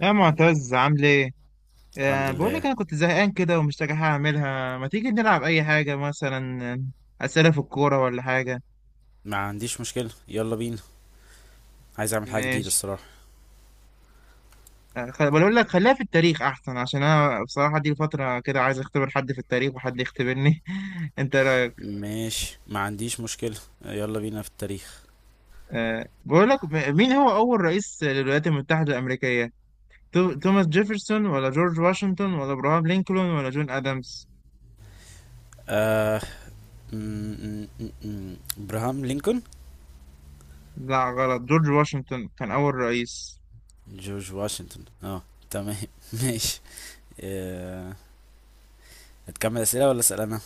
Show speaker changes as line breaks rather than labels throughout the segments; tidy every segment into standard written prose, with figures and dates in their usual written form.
يا معتز، عامل ايه؟
الحمد
بقول
لله.
لك انا كنت زهقان كده ومش لاقي حاجه اعملها، ما تيجي نلعب اي حاجه مثلا؟ اسئله في الكوره ولا حاجه؟
ما عنديش مشكلة، يلا بينا. عايز اعمل حاجة جديدة
ماشي.
الصراحة.
بقول لك خليها في التاريخ احسن، عشان انا بصراحه دي فتره كده عايز اختبر حد في التاريخ وحد يختبرني. انت رايك؟
ماشي، ما عنديش مشكلة، يلا بينا في التاريخ.
بقول لك مين هو اول رئيس للولايات المتحده الامريكيه؟ توماس جيفرسون ولا جورج واشنطن ولا ابراهام لينكولن ولا جون ادمز؟
آه ابراهام لينكولن.
لا غلط، جورج واشنطن كان اول رئيس.
جورج واشنطن اه. تمام. ماشي. آه هتكمل اسئلة ولا اسأل انا؟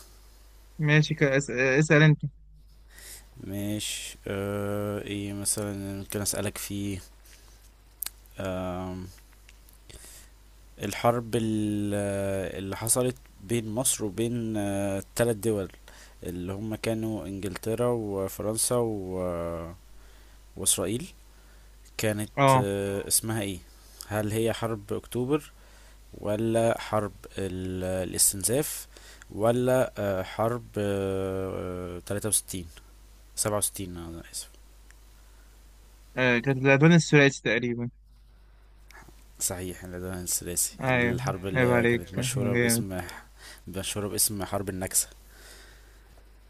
ماشي، اسال انت.
ماشي. ايه مثلا ممكن اسألك فيه؟ آم، الحرب اللي حصلت بين مصر وبين التلات دول اللي هم كانوا انجلترا وفرنسا واسرائيل، كانت
اه.
اسمها ايه؟ هل هي حرب اكتوبر، ولا حرب الاستنزاف، ولا حرب 63، 67؟ انا اسف.
كانت الألوان الثلاثي تقريبا.
صحيح إن ده الثلاثي
أيوه
الحرب
عيب
اللي
عليك،
كانت
أنا
مشهورة
جامد.
باسم مشهورة باسم حرب النكسة.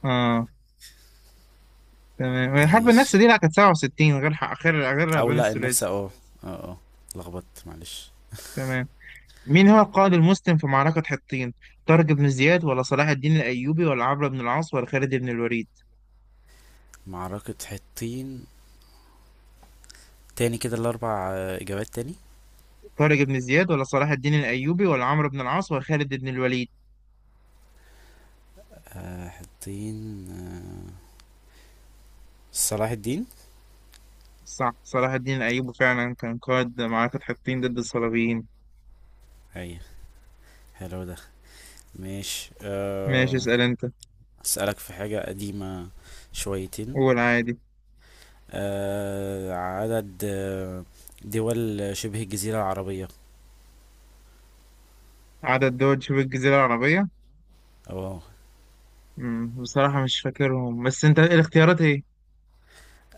أه، تمام. الحرب النكسة
ماشي،
دي لا، كانت 67، غير ح- غير غير
او
الألوان
لا، النكسة
الثلاثي.
اه. اه اه. لخبطت معلش.
تمام. مين هو القائد المسلم في معركة حطين؟ طارق بن زياد ولا صلاح الدين الأيوبي ولا عمرو بن العاص ولا خالد بن الوليد؟
معركة حطين. تاني كده الاربع اجابات تاني.
طارق بن زياد ولا صلاح الدين الأيوبي ولا عمرو بن العاص ولا خالد بن الوليد؟
حاطين. صلاح الدين.
صح، صلاح الدين الأيوبي فعلا كان قائد معركة حطين ضد الصليبيين.
ايوه. حلو ده. ماشي.
ماشي، اسأل أنت.
اسألك في حاجة قديمة شويتين.
قول عادي.
عدد دول شبه الجزيرة العربية.
عدد دول شبه الجزيرة العربية.
اه.
بصراحة مش فاكرهم، بس انت الاختيارات ايه؟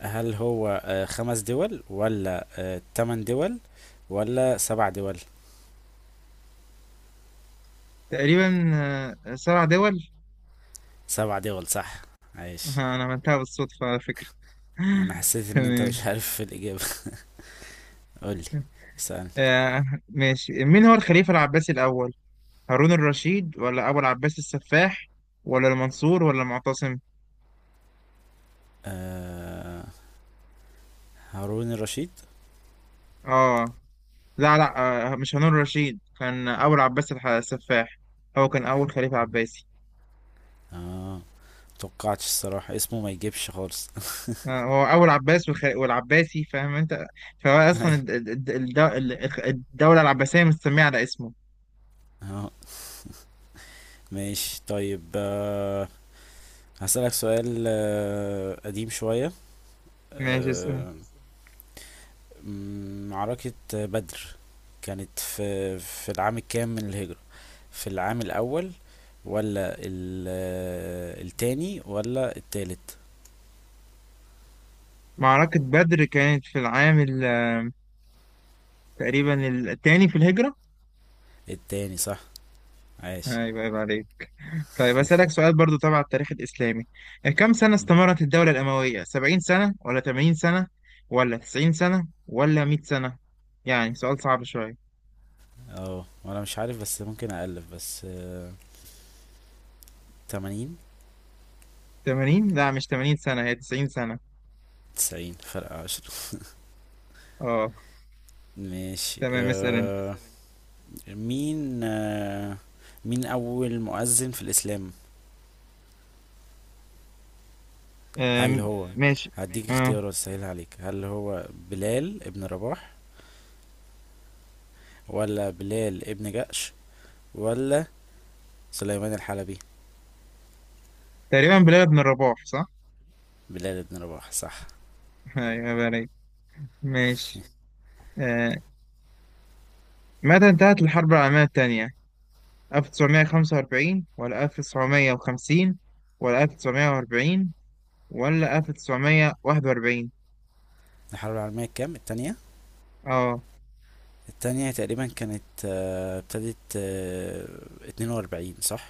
هل هو خمس دول، ولا تمن دول، ولا سبع دول؟
تقريبا سبع دول.
سبع دول صح. عايش.
انا عملتها بالصدفة على فكرة.
انا حسيت ان انت
تمام.
مش عارف في الإجابة. قولي، اسألني.
ماشي، مين هو الخليفة العباسي الأول؟ هارون الرشيد ولا أبو العباس السفاح ولا المنصور ولا المعتصم؟
آه هارون الرشيد.
اه. لا لا. مش هارون الرشيد، كان أبو العباس السفاح. هو كان أول خليفة عباسي.
اه، متوقعتش الصراحة، اسمه ما يجيبش خالص.
هو أول عباس والعباسي، فاهم أنت؟ فهو أصلا الدولة العباسية مستمية على اسمه.
اه. ماشي طيب. هسألك سؤال قديم شوية.
ماشي، اسأل.
آه، معركة بدر كانت في العام الكام من الهجرة؟ في العام الأول، ولا التاني، ولا التالت؟
معركة بدر كانت في العام تقريبا الثاني في الهجرة.
التاني صح. عاش.
ايوه عيب عليك. طيب أسألك سؤال برضو تبع التاريخ الإسلامي، كم سنة استمرت الدولة الأموية؟ 70 سنة ولا 80 سنة ولا 90 سنة ولا 100 سنة؟ يعني سؤال صعب شوية.
اه، وانا مش عارف بس ممكن أألف، بس 80.
80، لا مش 80 سنة، هي 90 سنة.
90، فرق 10.
اه،
ماشي
تمام، اسأل انت.
أه. مين مين أول مؤذن في الإسلام؟ هل هو،
ماشي.
هديك
اه،
اختيارات سهلة عليك، هل هو بلال ابن رباح، ولا بلال ابن جأش، ولا سليمان الحلبي؟
تقريبا بلال بن الرباح صح.
بلال ابن رباح صح.
ايوه عيب عليك. ماشي. آه، متى انتهت الحرب العالمية الثانية؟ 1945 ولا 1950 ولا 1940 ولا 1941؟
الحرب العالمية الكام، التانية؟
اه
التانية تقريبا كانت، ابتدت 42 صح.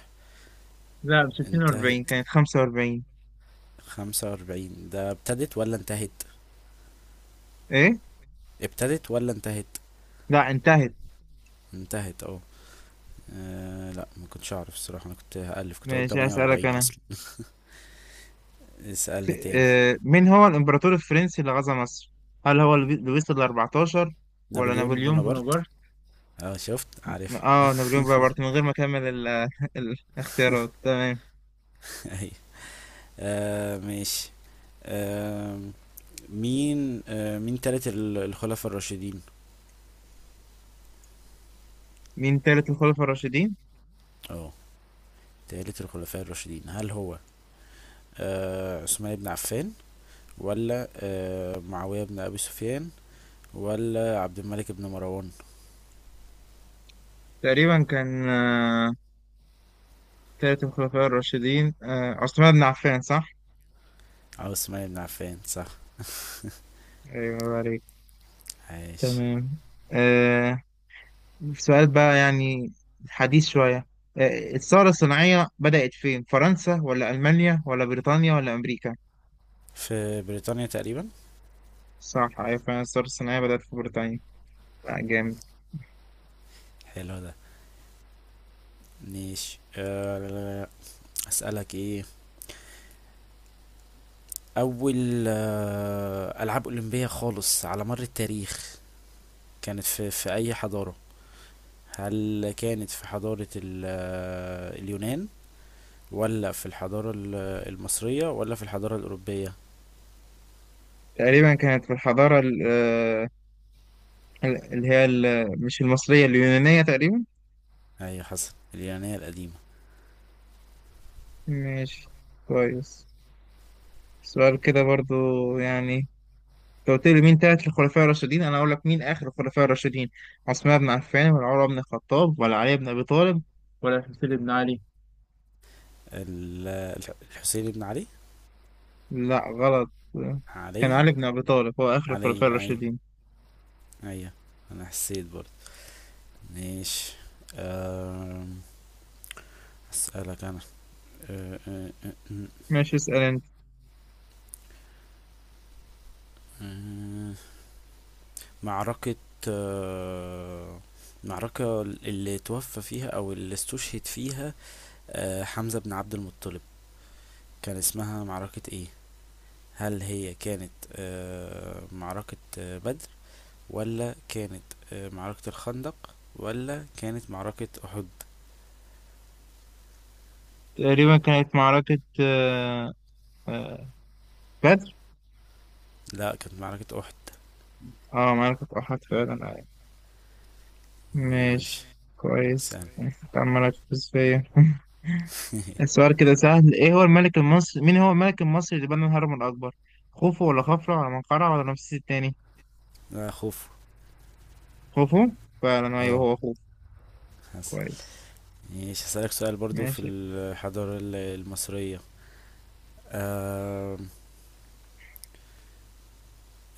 لا، مش 42
انتهت
كانت 45.
45، ده ابتدت ولا انتهت؟
ايه؟
ابتدت ولا انتهت؟
لا انتهت.
انتهت اه. لا، ما كنتش اعرف الصراحه، انا كنت هالف، كنت هقول
ماشي هسألك
48
انا.
اصلا. اسالني تاني.
مين هو الامبراطور الفرنسي اللي غزا مصر؟ هل هو لويس ال 14 ولا
نابليون
نابليون
بونابرت.
بونابرت؟
اه شفت، عارف.
اه، نابليون بونابرت من غير ما اكمل ال- الاختيارات. تمام.
ايوه. ماشي. آه مين مين تالت الخلفاء الراشدين؟
مين تالت الخلفاء الراشدين؟
اه. تالت الخلفاء الراشدين، هل هو عثمان بن عفان، ولا معاويه بن ابي سفيان، ولا عبد الملك بن مروان؟
تقريبا كان تالت الخلفاء الراشدين عثمان بن عفان، صح؟
اه، عثمان بن عفان صح.
أيوة الله عليك.
عايش.
تمام. آه، سؤال بقى يعني حديث شوية. الثورة الصناعية بدأت فين؟ فرنسا ولا ألمانيا ولا بريطانيا ولا أمريكا؟
في بريطانيا تقريبا.
صح، أيوة فعلا الثورة الصناعية بدأت في بريطانيا. جامد.
حلو ده. ماشي. أسألك ايه. أول ألعاب أولمبية خالص على مر التاريخ كانت في أي حضارة؟ هل كانت في حضارة اليونان، ولا في الحضارة المصرية، ولا في الحضارة الأوروبية؟
تقريبا كانت في الحضارة اللي هي مش المصرية، اليونانية تقريبا.
أيوة، حسن. اليونانية القديمة.
ماشي، كويس. سؤال كده برضو يعني، انت قلت لي مين تالت الخلفاء الراشدين، انا اقول لك مين اخر الخلفاء الراشدين. عثمان بن عفان ولا عمر بن الخطاب ولا علي بن ابي طالب ولا الحسين بن علي؟
الحسين بن علي.
لا غلط، كان
علي.
علي بن ابي طالب هو اخر الخلفاء
علي أي.
الراشدين.
أيوة، أنا حسيت برضه. ماشي. أم، أسألك أنا. أه، أه، أه، أه،
ماشي، اسال انت.
أه. معركة، آه، اللي توفى فيها أو اللي استشهد فيها حمزة بن عبد المطلب، كان اسمها معركة ايه؟ هل هي كانت معركة بدر، ولا كانت معركة الخندق، ولا كانت معركة أحد؟
تقريبا كانت معركة آه، بدر.
لا، كانت معركة أحد.
اه، معركة احد فعلا.
ماشي.
ماشي كويس،
سأل
انت عمال هتفوز فيا. السؤال كده سهل. ايه هو الملك المصري، مين هو الملك المصري اللي بنى الهرم الاكبر؟ خوفو ولا خفرع ولا منقرع ولا رمسيس الثاني؟
لا، خوف.
خوفو. فعلا أيوه
اه،
هو خوفو.
حسن.
كويس.
ماشي هسألك سؤال برضو في
ماشي.
الحضارة المصرية. آه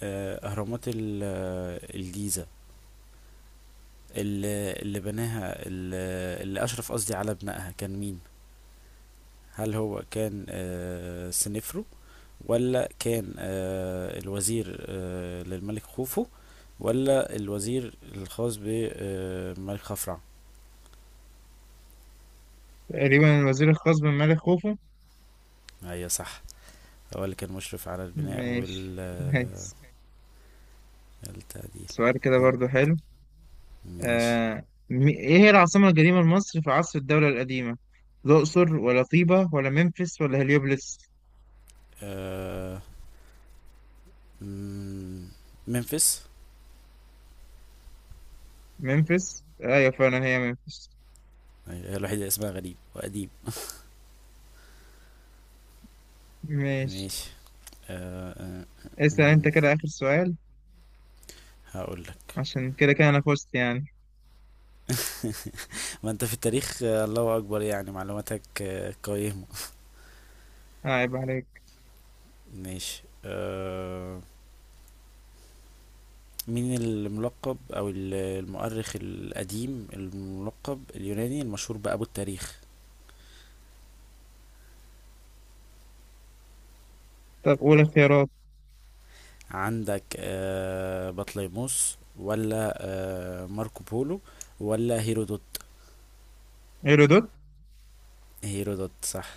اهرامات الجيزة، اللي بناها، اللي اشرف، قصدي، على بنائها كان مين؟ هل هو كان سنفرو، ولا كان الوزير للملك خوفو، ولا الوزير الخاص بالملك خفرع؟
تقريبا الوزير الخاص بالملك خوفو.
ايوه صح. هو اللي كان مشرف على البناء
ماشي
والتعديل.
كويس. سؤال كده
كنت.
برضو حلو.
ماشي.
إيه هي العاصمة القديمة لمصر في عصر الدولة القديمة؟ الأقصر ولا طيبة ولا ممفيس ولا هليوبلس؟
آه، مم، ممفيس.
ممفيس؟ أيوه فعلا هي ممفيس.
أيوة، هي الوحيدة اللي اسمها غريب وقديم.
ماشي،
ماشي. آه، آه،
اسأل أنت
آه،
كده آخر سؤال.
هقول لك.
عشان كده كده أنا فزت يعني.
ما انت في التاريخ الله اكبر، يعني معلوماتك قيمة.
عيب عليك.
ماشي. مين الملقب، او المؤرخ القديم الملقب، اليوناني المشهور بأبو التاريخ؟
طب قول اختيارات.
عندك بطليموس، ولا ماركو بولو، ولا هيرودوت؟
هيرودوت؟
هيرودوت صح.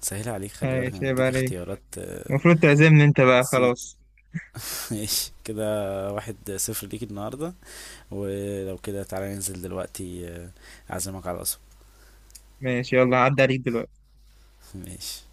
سهل عليك، خلي بالك انا
ماشي عيب
بديك
عليك،
اختيارات.
المفروض تعزمني أنت بقى
نسيت.
خلاص.
ماشي كده. 1-0 ليك النهاردة. ولو كده تعالى ننزل دلوقتي، اعزمك على القصب.
ماشي، يلا عدى عليك دلوقتي.
ماشي.